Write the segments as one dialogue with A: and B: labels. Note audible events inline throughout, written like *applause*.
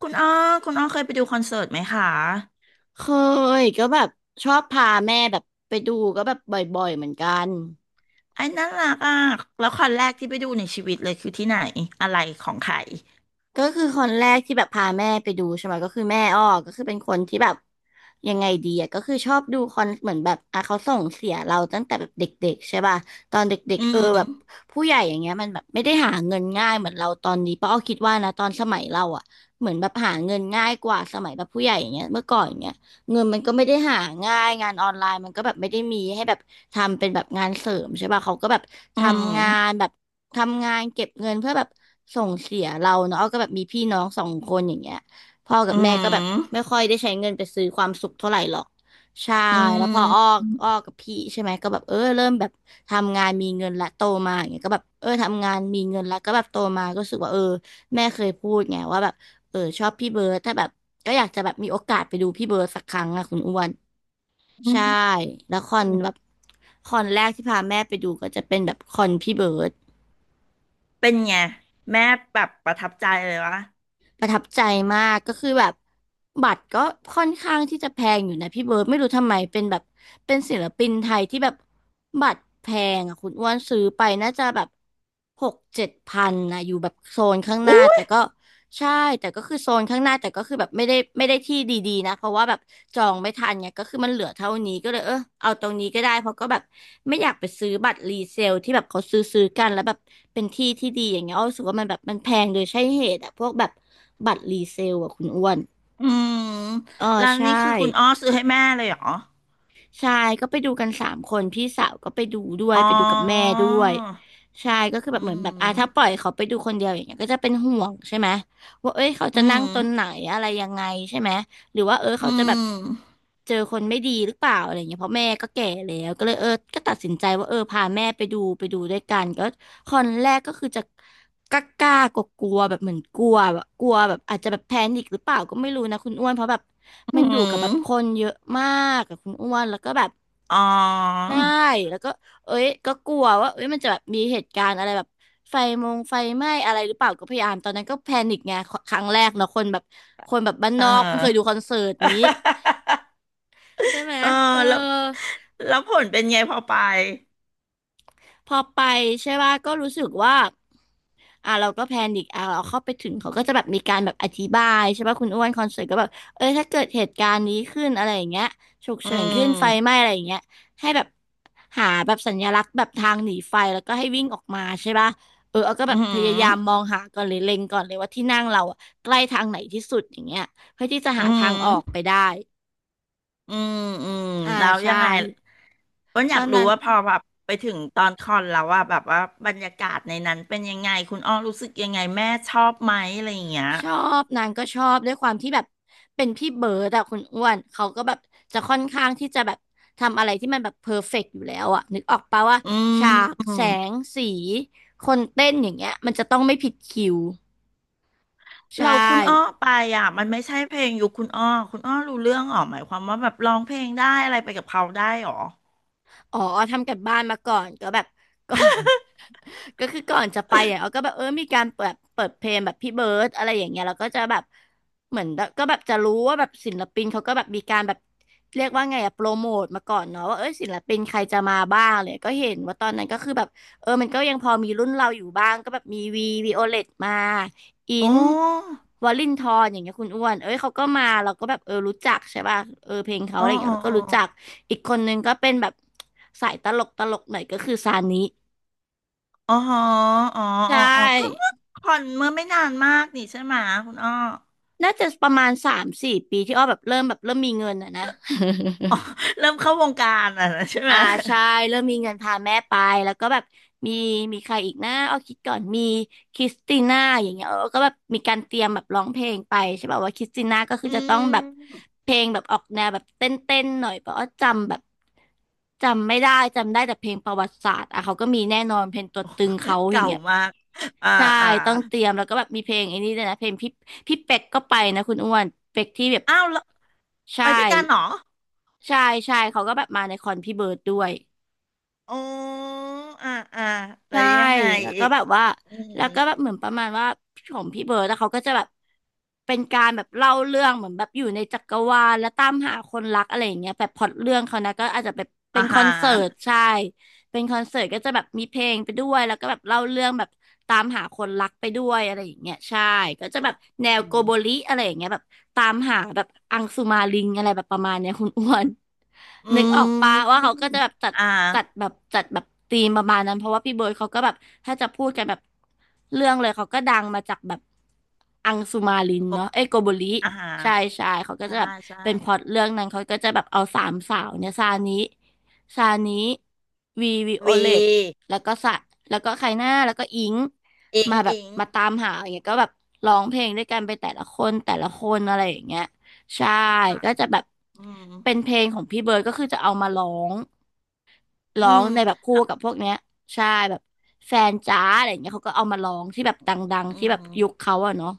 A: คุณอ้อคุณอ้อเคยไปดูคอนเสิร์ตไหมคะ
B: เคยก็แบบชอบพาแม่แบบไปดูก็แบบบ่อยๆเหมือนกัน
A: ไอ้น่ารักอ่ะแล้วคอนแรกที่ไปดูในชีวิตเลยคือที่ไหนอะไรของใคร
B: ก็คือคนแรกที่แบบพาแม่ไปดูใช่ไหมก็คือแม่อ้อก็คือเป็นคนที่แบบยังไงดีอะก็คือชอบดูคอนเหมือนแบบอ่ะเขาส่งเสียเราตั้งแต่แบบเด็กๆใช่ป่ะตอนเด็ก
A: อื
B: ๆเออแบบ
A: ม
B: ผู้ใหญ่อย่างเงี้ยมันแบบไม่ได้หาเงินง่ายเหมือนเราตอนนี้เพราะอ้อคิดว่านะตอนสมัยเราอะเหมือนแบบหาเงินง่ายกว่าสมัยแบบผู้ใหญ่อย่างเงี้ยเมื่อก่อนอย่างเงี้ย เงินมันก็ไม่ได้หาง่ายงานออนไลน์มันก็แบบไม่ได้มีให้แบบทำเป็นแบบงานเสริมใช่ป่ะเขาก็แบบท
A: อื
B: ำงาน
A: ม
B: แบบทำงานเก็บเงินเพื่อแบบส่งเสียเราเนาะอ้อก็แบบมีพี่น้องสองคนอย่างเงี้ยพ่อกั
A: อื
B: บแม่ก็แบบไม่
A: ม
B: ค่อยได้ใช้เงินไปซื้อความสุขเท่าไหร่หรอกใช่
A: อื
B: แล้วพอ
A: ม
B: อ้อกับพี่ใช่ไหมก็แบบเออเริ่มแบบทำงานมีเงินละโตมาอย่างเงี้ยก็แบบเออทำงานมีเงินละก็แบบโตมาก็รู้สึกว่าเออแม่เคยพูดไงว่าแบบ เออชอบพี่เบิร์ดถ้าแบบก็อยากจะแบบมีโอกาสไปดูพี่เบิร์ดสักครั้งอะคุณอ้วน
A: อื
B: ใช่
A: ม
B: แล้วคอนแบบคอนแรกที่พาแม่ไปดูก็จะเป็นแบบคอนพี่เบิร์ด
A: เป็นไงแม่แบบประทับใจเลยวะ
B: ประทับใจมากก็คือแบบบัตรก็ค่อนข้างที่จะแพงอยู่นะพี่เบิร์ดไม่รู้ทำไมเป็นแบบเป็นศิลปินไทยที่แบบบัตรแพงอ่ะคุณอ้วนซื้อไปน่าจะแบบหกเจ็ดพันนะอยู่แบบโซนข้างหน้า
A: อุ้ย
B: แต่ก็ใช่แต่ก็คือโซนข้างหน้าแต่ก็คือแบบไม่ได้ที่ดีๆนะเพราะว่าแบบจองไม่ทันเนี่ยก็คือมันเหลือเท่านี้ก็เลยเออเอาตรงนี้ก็ได้เพราะก็แบบไม่อยากไปซื้อบัตรรีเซลที่แบบเขาซื้อกันแล้วแบบเป็นที่ที่ดีอย่างเงี้ยอ้อรู้สึกว่ามันแบบมันแพงโดยใช่เหตุอะพวกแบบ บัตรรีเซลอ่ะคุณอ้วน
A: อืม
B: เออ
A: แล้ว
B: ใช่
A: นี่คือคุณอ้อซื้อให้แม่เลยเหรอ
B: ใช่ก็ไปดูกันสามคนพี่สาวก็ไปดูด้วย
A: อ๋อ
B: ไปดูกับแม่ด้วยใช่ก็คือ
A: อื
B: แบบเหมือนแบบอ่ะ
A: ม
B: ถ้าปล่อยเขาไปดูคนเดียวอย่างเงี้ยก็จะเป็นห่วงใช่ไหมว่าเอ้ยเขา
A: อื
B: จะนั่ง
A: ม
B: ตรงไหนอะไรยังไงใช่ไหม หรือว่าเออ
A: อื
B: เขาจะแบบ
A: ม
B: เจอคนไม่ดีหรือเปล่าอะไรเงี้ยเพราะแม่ก็แก่แล้วก็เลยเออก็ตัดสินใจว่าเออพาแม่ไปดูด้วยกันก็คอนแรกก็คือจะกล้ากล้ากลัวกลัวแบบเหมือนกลัวแบบกลัวแบบอาจจะแบบแพนิคหรือเปล่าก็ไม่รู้นะคุณอ้วนเพราะแบบ
A: อื
B: มันอยู่กับแบบ
A: ม
B: คนเยอะมากกับคุณอ้วนแล้วก็แบบ
A: อ๋อ
B: ใช่แล้วก็ เอ้ยก็กลัวว่าเอ้ยมันจะแบบมีเหตุการณ์อะไรแบบไฟมงไฟไหม้อะไรหรือเปล่าก็พยายามตอนนั้นก็แพนิคไงครั้งแรกเนาะคนแบบคนแบบบ้าน
A: เอ
B: น
A: อ
B: อกเพิ่งเคยดูคอนเสิร์ตนี้
A: *laughs*
B: ใช่ไหม
A: เออ
B: เออ
A: แล้วแล้วผลเป็นไงพอไป
B: พอไปใช่ป่ะก็รู้สึกว่าอ่ะเราก็แพนิคอ่ะเราเข้าไปถึงเขาก็จะแบบมีการแบบอธิบายใช่ป่ะคุณอ้วนคอนเสิร์ตก็แบบเออถ้าเกิดเหตุการณ์นี้ขึ้นอะไรอย่างเงี้ยฉุก
A: อื
B: เฉินขึ้นไฟไห
A: ม
B: ม้อะไรอย่างเงี้ยให้แบบหาแบบสัญลักษณ์แบบทางหนีไฟแล้วก็ให้วิ่งออกมาใช่ป่ะเออเอาก็
A: อื
B: แบบพยายาม
A: ม
B: มองหาก่อนเลยเล็งก่อนเลยว่าที่นั่งเราอะใกล้ทางไหนที่สุดอย่างเงี้ยเพื่อที่จะ
A: อ
B: หา
A: หื
B: ทางอ
A: ม
B: อกไปได้
A: อมอืมอืม
B: อ่า
A: แล้วยั
B: ใช่
A: งไงก็อ
B: ตอ
A: ยาก
B: น
A: รู้
B: นั้น
A: ว่าพอแบบไปถึงตอนคอนแล้วว่าแบบว่าบรรยากาศในนั้นเป็นยังไงคุณอ้อรู้สึกยังไงแม่ชอบไหมอะไรอย่างเงี้ย
B: ชอบนางก็ชอบด้วยความที่แบบเป็นพี่เบิร์ดอะคุณอ้วนเขาก็แบบจะค่อนข้างที่จะแบบทำอะไรที่มันแบบเพอร์เฟกต์อยู่แล้วอะนึกออกปะว่า
A: อื
B: ฉากแส
A: ม
B: งสีคนเต้นอย่างเงี้ยมันจะต้องไม่ผิดคิวใช่
A: เราคุณอ้อไปอ่ะมันไม่ใช่เพลงยุคคุณอ้อคุณอ้อรู้เรื่องหรอหมายความว่าแบบร้องเพลงได้อะไรไปกับเขาได้หรอ
B: อ๋อทำกันบ้านมาก่อนก็แบบ *laughs* ก่อน *laughs* ก็คือก่อนจะไปอ่ะเอาก็แบบเออมีการเปิดเพลงแบบพี่เบิร์ดอะไรอย่างเงี้ยแล้วก็จะแบบเหมือนแบบก็แบบจะรู้ว่าแบบศิลปินเขาก็แบบมีการแบบเรียกว่าไงอะโปรโมทมาก่อนเนาะว่าเออศิลปินใครจะมาบ้างเลยก็เห็นว่าตอนนั้นก็คือแบบเออมันก็ยังพอมีรุ่นเราอยู่บ้างก็แบบมีวีวีโอเลตมา อิ
A: อ๋อ
B: นวลินทรอย่างเงี้ยคุณอ้วนเอ้ยเขาก็มาเราก็แบบเออรู้จักใช่ป่ะเออเพลงเขาอะ
A: อ๋อ
B: ไรอย่างเงี้
A: อ๋
B: ยเราก็
A: อ
B: รู้จัก อีกคนนึงก็เป็นแบบสายตลกตลกหน่อยก็คือซานิ
A: อ๋ออ๋อ
B: ใช
A: อ๋ออ๋อก็
B: ่
A: เมื่อคอนเมื่อไม่นานมากนี่ใช่ไหมคุณอ้อ
B: น่าจะประมาณสามสี่ปีที่อ้อแบบเริ่มมีเงินอะนะ
A: *laughs* เริ่มเข้าวงการอ่ะนะใช่ไห
B: อ่า
A: ม
B: ใช่เริ่มมีเงินพาแม่ไปแล้วก็แบบมีมีใครอีกนะเอาคิดก่อนมีคริสติน่าอย่างเงี้ยเออก็แบบมีการเตรียมแบบร้องเพลงไปใช่ป่ะว่าคริสติน่าก็คือ
A: อื
B: จะต้องแบบ
A: ม
B: เพลงแบบออกแนวแบบเต้นเต้นหน่อยเพราะว่าจำแบบจำไม่ได้จำได้แต่เพลงประวัติศาสตร์อ่ะเขาก็มีแน่นอนเพลงตัวตึงเขาอย่าง
A: เก่า
B: เงี้ย
A: มากอ่า
B: ใช่
A: อ่า
B: ต้องเตรียมแล้วก็แบบมีเพลงไอ้นี่ด้วยนะเพลงพี่เป็กก็ไปนะคุณอ้วนเป็กที่แบบ
A: อ้าวแล้ว
B: ใช่
A: ไปด้วยกันเหรอ
B: ใช่ใช่เขาก็แบบมาในคอนพี่เบิร์ดด้วย
A: อ๋ออ่าอ่าแต่
B: ใช่
A: ยังไง
B: แล้ว
A: อี
B: ก็
A: ก
B: แบบว่า
A: อื
B: แล้
A: ม
B: วก็แบบเหมือนประมาณว่าของพี่เบิร์ดแล้วเขาก็จะแบบเป็นการแบบเล่าเรื่องเหมือนแบบอยู่ในจักรวาลและตามหาคนรักอะไรอย่างเงี้ยแบบพล็อตเรื่องเขานะก็อาจจะแบบเป็
A: อ่า
B: นคอ
A: ฮะ
B: นเสิร์ตใช่เป็นคอนเสิร์ตก็จะแบบมีเพลงไปด้วยแล้วก็แบบเล่าเรื่องแบบตามหาคนรักไปด้วยอะไรอย่างเงี้ยใช่ก็จะแบบ
A: อื
B: แนวโกโบริ
A: ม
B: อะไรอย่างเงี้ยแบบตามหาแบบอังสุมาลิงอะไรแบบประมาณเนี้ยคุณอ้วน
A: อื
B: นึกออกปะว่า
A: ม
B: เขาก็จะแบบจัด
A: อ่า
B: จัดแบบจัดแบบธีมประมาณนั้นเพราะว่าพี่เบิร์ดเขาก็แบบถ้าจะพูดกันแบบเรื่องเลยเขาก็ดังมาจากแบบอังสุมาลิน
A: กบ
B: เนาะเอ้ยโกโบริ
A: อ่าฮะ
B: ใช่ใช่เขาก็
A: ใช่
B: จะแบบ
A: ใช่
B: เป็นพล็อตเรื่องนั้นเขาก็จะแบบเอาสามสาวเนี่ยซานิวีวิโอ
A: วี
B: เลตแล้วก็สะแล้วก็ใครหน้าแล้วก็อิง
A: อิง
B: มาแบบ
A: อิง
B: มาตามหาอย่างเงี้ยก็แบบร้องเพลงด้วยกันไปแต่ละคนแต่ละคนอะไรอย่างเงี้ย ใช่
A: ค่ะ
B: ก็จะแบบ
A: อืม
B: เป็นเพลงของพี่เบิร์ดก็คือจะเอามางร้
A: อื
B: อง
A: ม
B: ในแบบคู่กับพวกเนี้ยใช่แบบแฟนจ้าอะไรอย่างเงี้ยเขาก็เอามาร้องที่แบบดัง
A: อื
B: ๆที่แบบยุค
A: ม
B: เขาอะเนาะ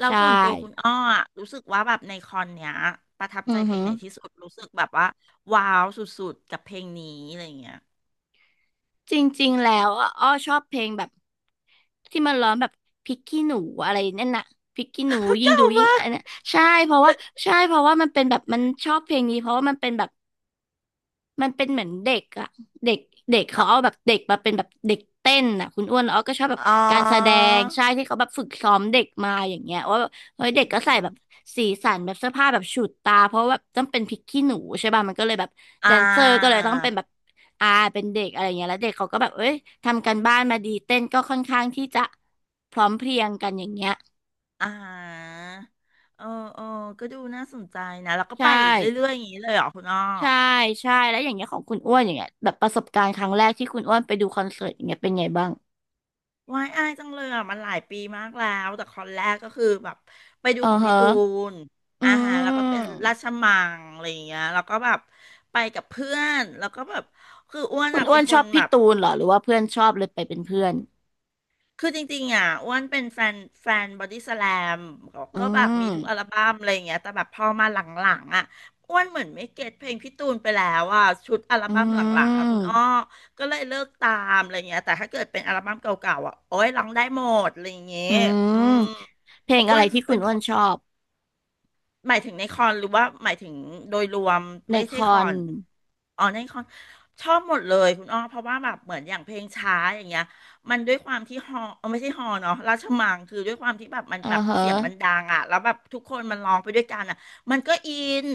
A: เรา
B: ใช่
A: ส่วนตัวคุณอ้ออะรู้สึกว่าแบบในคอนเนี้ยประทับ
B: อื
A: ใจ
B: อ
A: เพล
B: หื
A: ง
B: อ
A: ไหนที่สุดรู้สึกแบบว่าว้าวสุดๆกับเพลงนี้อะไรอย่างเงี้ย
B: จริงๆแล้วอะอ้อชอบเพลงแบบที่มันร้องแบบพริกขี้หนูอะไรนั่นน่ะพริกขี้หนู
A: *laughs*
B: ยิ่ง
A: เก่า
B: ดูยิ่ง
A: มาก
B: อันนั้นใช่เพราะว่าใช่เพราะว่ามันเป็นแบบมันชอบเพลงนี้เพราะว่ามันเป็นแบบ มันเป็นเหมือนเด็กอะเด็กเด็กเขาเอา
A: อะ
B: แบบเด็กมาเป็นแบบเด็กเต้นอะคุณอ้วนอ้อก็ชอบแบบ
A: อ๋อ
B: การแสดงใช่ที่เขาแบบฝึกซ้อมเด็กมาอย่างเงี้ยว่าแบบเฮ้ยเด็ก
A: อื
B: ก็ใส่
A: ม
B: แบบสีสันแบบเสื้อผ้าแบบฉูดตาเพราะว่าแบบต้องเป็นพริกขี้หนูใช่ป่ะมันก็เลยแบบ
A: อ่
B: แดนเซอร์ก็เล
A: า
B: ยต้องเป็นแบบอาเป็นเด็กอะไรเงี้ยแล้วเด็กเขาก็แบบเอ้ยทำกันบ้านมาดีเต้นก็ค่อนข้างที่จะพร้อมเพรียงกันอย่างเงี้ย
A: อ่าเออเออก็ดูน่าสนใจนะแล้วก็ไป
B: ใช่
A: อีกเรื่อยๆอย่างนี้เลยเหรอคุณอ้อ
B: ใช่ใช่แล้วอย่างเงี้ยของคุณอ้วนอย่างเงี้ยแบบประสบการณ์ครั้งแรกที่คุณอ้วนไปดูคอนเสิร์ตอย่างเงี้ยเป็นไงบ้าง
A: วายอายจังเลยอ่ะมันหลายปีมากแล้วแต่คอนแรกก็คือแบบไปดู
B: อื
A: ข
B: อ
A: องพี่
B: ฮะ
A: ตูน
B: อื
A: อาหารแล้วก็เป็นราช
B: ม
A: มังอะไรอย่างเงี้ยแล้วก็แบบไปกับเพื่อนแล้วก็แบบคืออ้วน
B: คุณ
A: อ่ะ
B: อ้
A: เป็
B: ว
A: น
B: น
A: ค
B: ชอ
A: น
B: บ
A: แบ
B: พี่
A: บ
B: ตูนเหรอหรือว่าเพื่อนชอบเลยไปเป็นเพื่อน
A: คือจริงๆอ่ะอ้วนเป็นแฟนแฟนบอดี้สแลม
B: อื
A: ก็แบบมีทุกอัล
B: ม
A: บั้มอะไรอย่างเงี้ยแต่แบบพอมาหลังๆอ่ะอ้วนเหมือนไม่เก็ตเพลงพี่ตูนไปแล้วอ่ะชุดอัล
B: อื
A: บั้มหลังๆอ่ะคุณ
B: ม
A: อ้อก็เลยเลิกตามอะไรเงี้ยแต่ถ้าเกิดเป็นอัลบั้มเก่าๆอ่ะโอ้ยร้องได้หมดอะไรอย่างเงี้ย
B: อื
A: อื
B: ม
A: ม
B: เพลง
A: อ้
B: อะ
A: ว
B: ไร
A: น
B: ที่คุ
A: เป็
B: ณ
A: น
B: อ้วนชอบ
A: หมายถึงในคอนหรือว่าหมายถึงโดยรวม
B: ใน
A: ไม่
B: ค
A: ใช่ค
B: อ
A: อ
B: น
A: นอ๋อในคอนชอบหมดเลยคุณอ้อเพราะว่าแบบเหมือนอย่างเพลงช้าอย่างเงี้ยมันด้วยความที่ฮอเออไม่ใช่ฮอเนาะราชมังคือด้วยความที่แบบมัน
B: อ่อ
A: แบบ
B: ฮะ
A: เสียงมันดังอ่ะแล้วแบบทุกคนมันร้องไปด้วยกันอ่ะมันก็อิน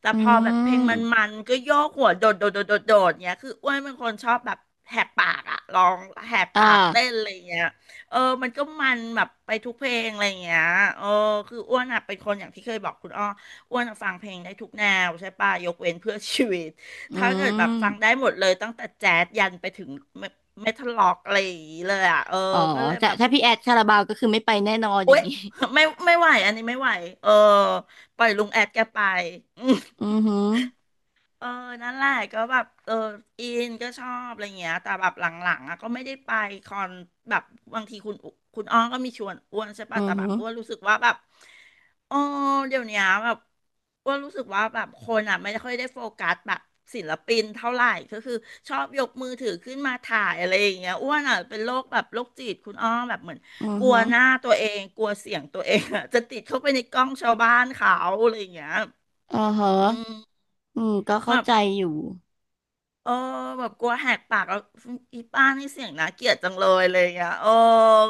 A: แต่
B: อื
A: พอแบบเพลง
B: ม
A: มันก็โยกหัวโดดโดดโดดโดดโดดเงี้ยคืออ้วนเป็นคนชอบแบบแหกปากอ่ะร้องแหก
B: อ่า
A: ปากเต้นอะไรเงี้ย เออมันก็มันแบบไปทุกเพลงอะไรอย่างเงี้ยเออคืออ้วนอ่ะเป็นคนอย่างที่เคยบอกคุณอ้ออ้วนอะฟังเพลงได้ทุกแนวใช่ป่ะยกเว้นเพื่อชีวิต
B: อื
A: ถ้าเกิดแบบ
B: ม
A: ฟังได้หมดเลยตั้งแต่แจ๊สยันไปถึงเมทัลล็อกอะไรอย่างงี้เลยอ่ะ เออ
B: อ๋อ
A: ก็เลย
B: แต่
A: แบบ
B: ถ้าพี่แอดคาราบาวก็คือไม่ไปแน่นอนอ
A: อุ๊
B: ย่าง
A: ย
B: นี้
A: ไม่ไม่ไหวอันนี้ไม่ไหวเออ ปล่อยลุงแอดแกไปอืม
B: *laughs* อือหือ
A: เออนั่นแหละก็แบบเอออินก็ชอบอะไรเงี้ยแต่แบบหลังๆอ่ะก็ไม่ได้ไปคอนแบบบางทีคุณอ้อก็มีชวนอ้วนใช่
B: อื
A: ป่ะ
B: อ
A: แต่แบ
B: หื
A: บ
B: อ
A: อ้วนรู้สึกว่าแบบเออเดี๋ยวเนี้ยแบบอ้วนรู้สึกว่าแบบคนอ่ะไม่ค่อยได้โฟกัสแบบศิลปินเท่าไหร่ก็คือชอบยกมือถือขึ้นมาถ่ายอะไรอย่างเงี้ยอ้วนอ่ะเป็นโรคแบบโรคจิตคุณอ้อแบบเหมือน
B: อือ
A: กลัว
B: หือ
A: หน้าตัวเองกลัวเสียงตัวเองอ่ะจะติดเข้าไปในกล้องชาวบ้านเขาอะไรอย่างเงี้ย
B: อ่อฮะ
A: อืม
B: อืมก็
A: แบ
B: เข้า
A: บ
B: ใจอยู่
A: เออแบบกลัวแหกปากแล้วอีป้านี่เสียงน่าเกลียดจังเลยอ่ะโอ้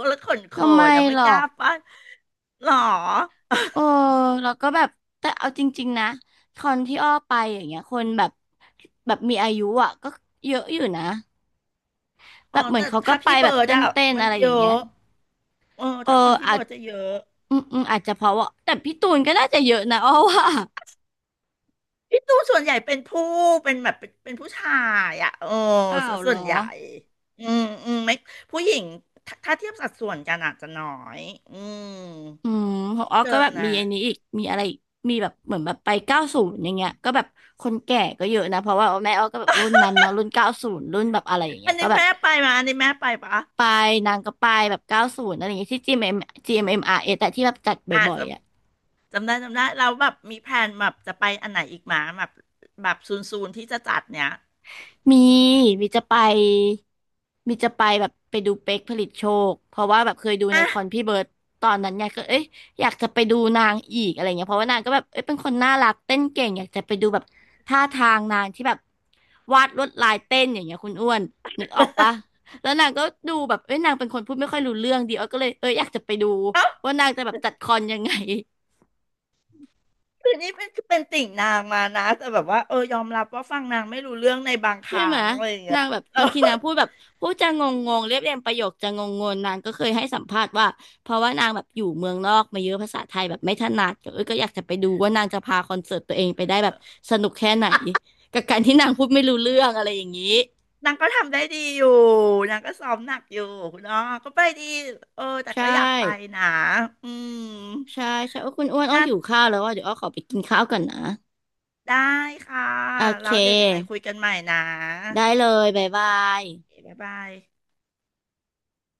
A: แล้วขนโข
B: ก็ไม่
A: นอ่ะไม่
B: หรอ
A: กล้า
B: ก
A: ป้าหรอ
B: เออแล้วก็แบบแต่เอาจริงๆนะคอนที่อ้อไปอย่างเงี้ยคนแบบแบบมีอายุอ่ะก็เยอะอยู่นะแบ
A: อ๋อ
B: บเหมือน
A: แต่
B: เขาก็
A: ถ้า
B: ไป
A: พี่
B: แบ
A: เบิ
B: บ
A: ร์ด
B: เต
A: อะ
B: ้นๆ
A: มัน
B: อะไรอ
A: เย
B: ย่างเงี้
A: อะ
B: ย
A: เออ
B: เออ
A: ถ้าคนพี่
B: อา
A: เบิ
B: จ
A: ร์ดจะเยอะ
B: อืมอาจจะเพราะว่าแต่พี่ตูนก็น่าจะเยอะนะอ้อว่า
A: พี่ตูนส่วนใหญ่เป็นผู้เป็นแบบเป็นเป็นผู้ชายอะเออ
B: อ้า
A: ซะ
B: วเห
A: ส่
B: ร
A: ว
B: อ
A: นใหญ่อืมอืมไม่ผู้หญิงถ้าเทียบสัดส่วนกันอาจจะน้อยอืม
B: อืมของ
A: ที่
B: อ้อ
A: เจ
B: ก็
A: อ
B: แบบมี
A: นะ
B: อันนี้อีกมีอะไรอีกมีแบบเหมือนแบบไปเก้าศูนย์อย่างเงี้ยก็แบบคนแก่ก็เยอะนะเพราะว่าแม่อ้อก็แบบรุ่นนั้นเนาะรุ่นเก้าศูนย์รุ่นแบบอะไรอย่างเงี้
A: อั
B: ย
A: น
B: ก็
A: นี้
B: แบบ
A: แม่ไปมาอันนี้แม่ไปปะ
B: ไปนางก็ไปแบบเก้าศูนย์อะไรอย่างเงี้ยที่ GMM Grammy แต่ที่แบบจัด
A: อาจ
B: บ่อย
A: จะ
B: ๆอ่ะ
A: จำได้จำได้เราแบบมีแพลนแบบจะไปอันไหนอีกหมาแบบแบบซูนซูนที่จะจัดเนี้ย
B: มีมีจะไปมีจะไปแบบไปดูเป๊กผลิตโชคเพราะว่าแบบเคยดูใน
A: อ่ะ
B: คอนพี่เบิร์ดตอนนั้นไงก็เอ้ยอยากจะไปดูนางอีกอะไรเงี้ยเพราะว่านางก็แบบเอ้ยเป็นคนน่ารักเต้นเก่งอยากจะไปดูแบบท่าทางนางที่แบบวาดลวดลายเต้นอย่างเงี้ยคุณอ้วนนึกออกปะแล้วนางก็ดูแบบเอ้ยนางเป็นคนพูดไม่ค่อยรู้เรื่องดีอ้อก็เลยเอ้ยอยากจะไปดู
A: เอ้า
B: ว่านางจะแบบจัดคอนยังไง
A: คือนี่เป็นคือเป็นติ่งนางมานะแต่แบบว่าเออยอมรับว่าฟังนางไม่รู้เรื่องในบางค
B: ใช่
A: รั้
B: ไหม
A: งอะไรอย่างเงี้
B: นา
A: ย
B: งแบบ
A: เออ
B: บางทีนางพูดแบบพูดจะงงงงเรียบเรียงประโยคจะงงงนนางก็เคยให้สัมภาษณ์ว่าเพราะว่านางแบบอยู่เมืองนอกมาเยอะภาษาไทยแบบไม่ถนัดก็เอยก็อยากจะไปดูว่านางจะพาคอนเสิร์ตตัวเองไปได้แบบสนุกแค่ไหนกับการที่นางพูดไม่รู้เรื่องอะไรอย่างนี้
A: นางก็ทำได้ดีอยู่นางก็ซ้อมหนักอยู่คุณอ้อก็ไปดีเออแต่
B: ใช
A: ก็อยากไป
B: ่
A: นะอืม
B: ใช่ใช่โอ้คุณอ้วนอ้อ
A: น่า
B: หิวข้าวแล้วว่าเดี๋ยวอ้อขอไปกินข้าวก่อนนะ
A: ได้ค่ะ
B: โอเค
A: แล้วเดี๋ยวยังไงคุยกันใหม่นะ
B: ได้เลยบ๊ายบาย
A: บ๊ายบาย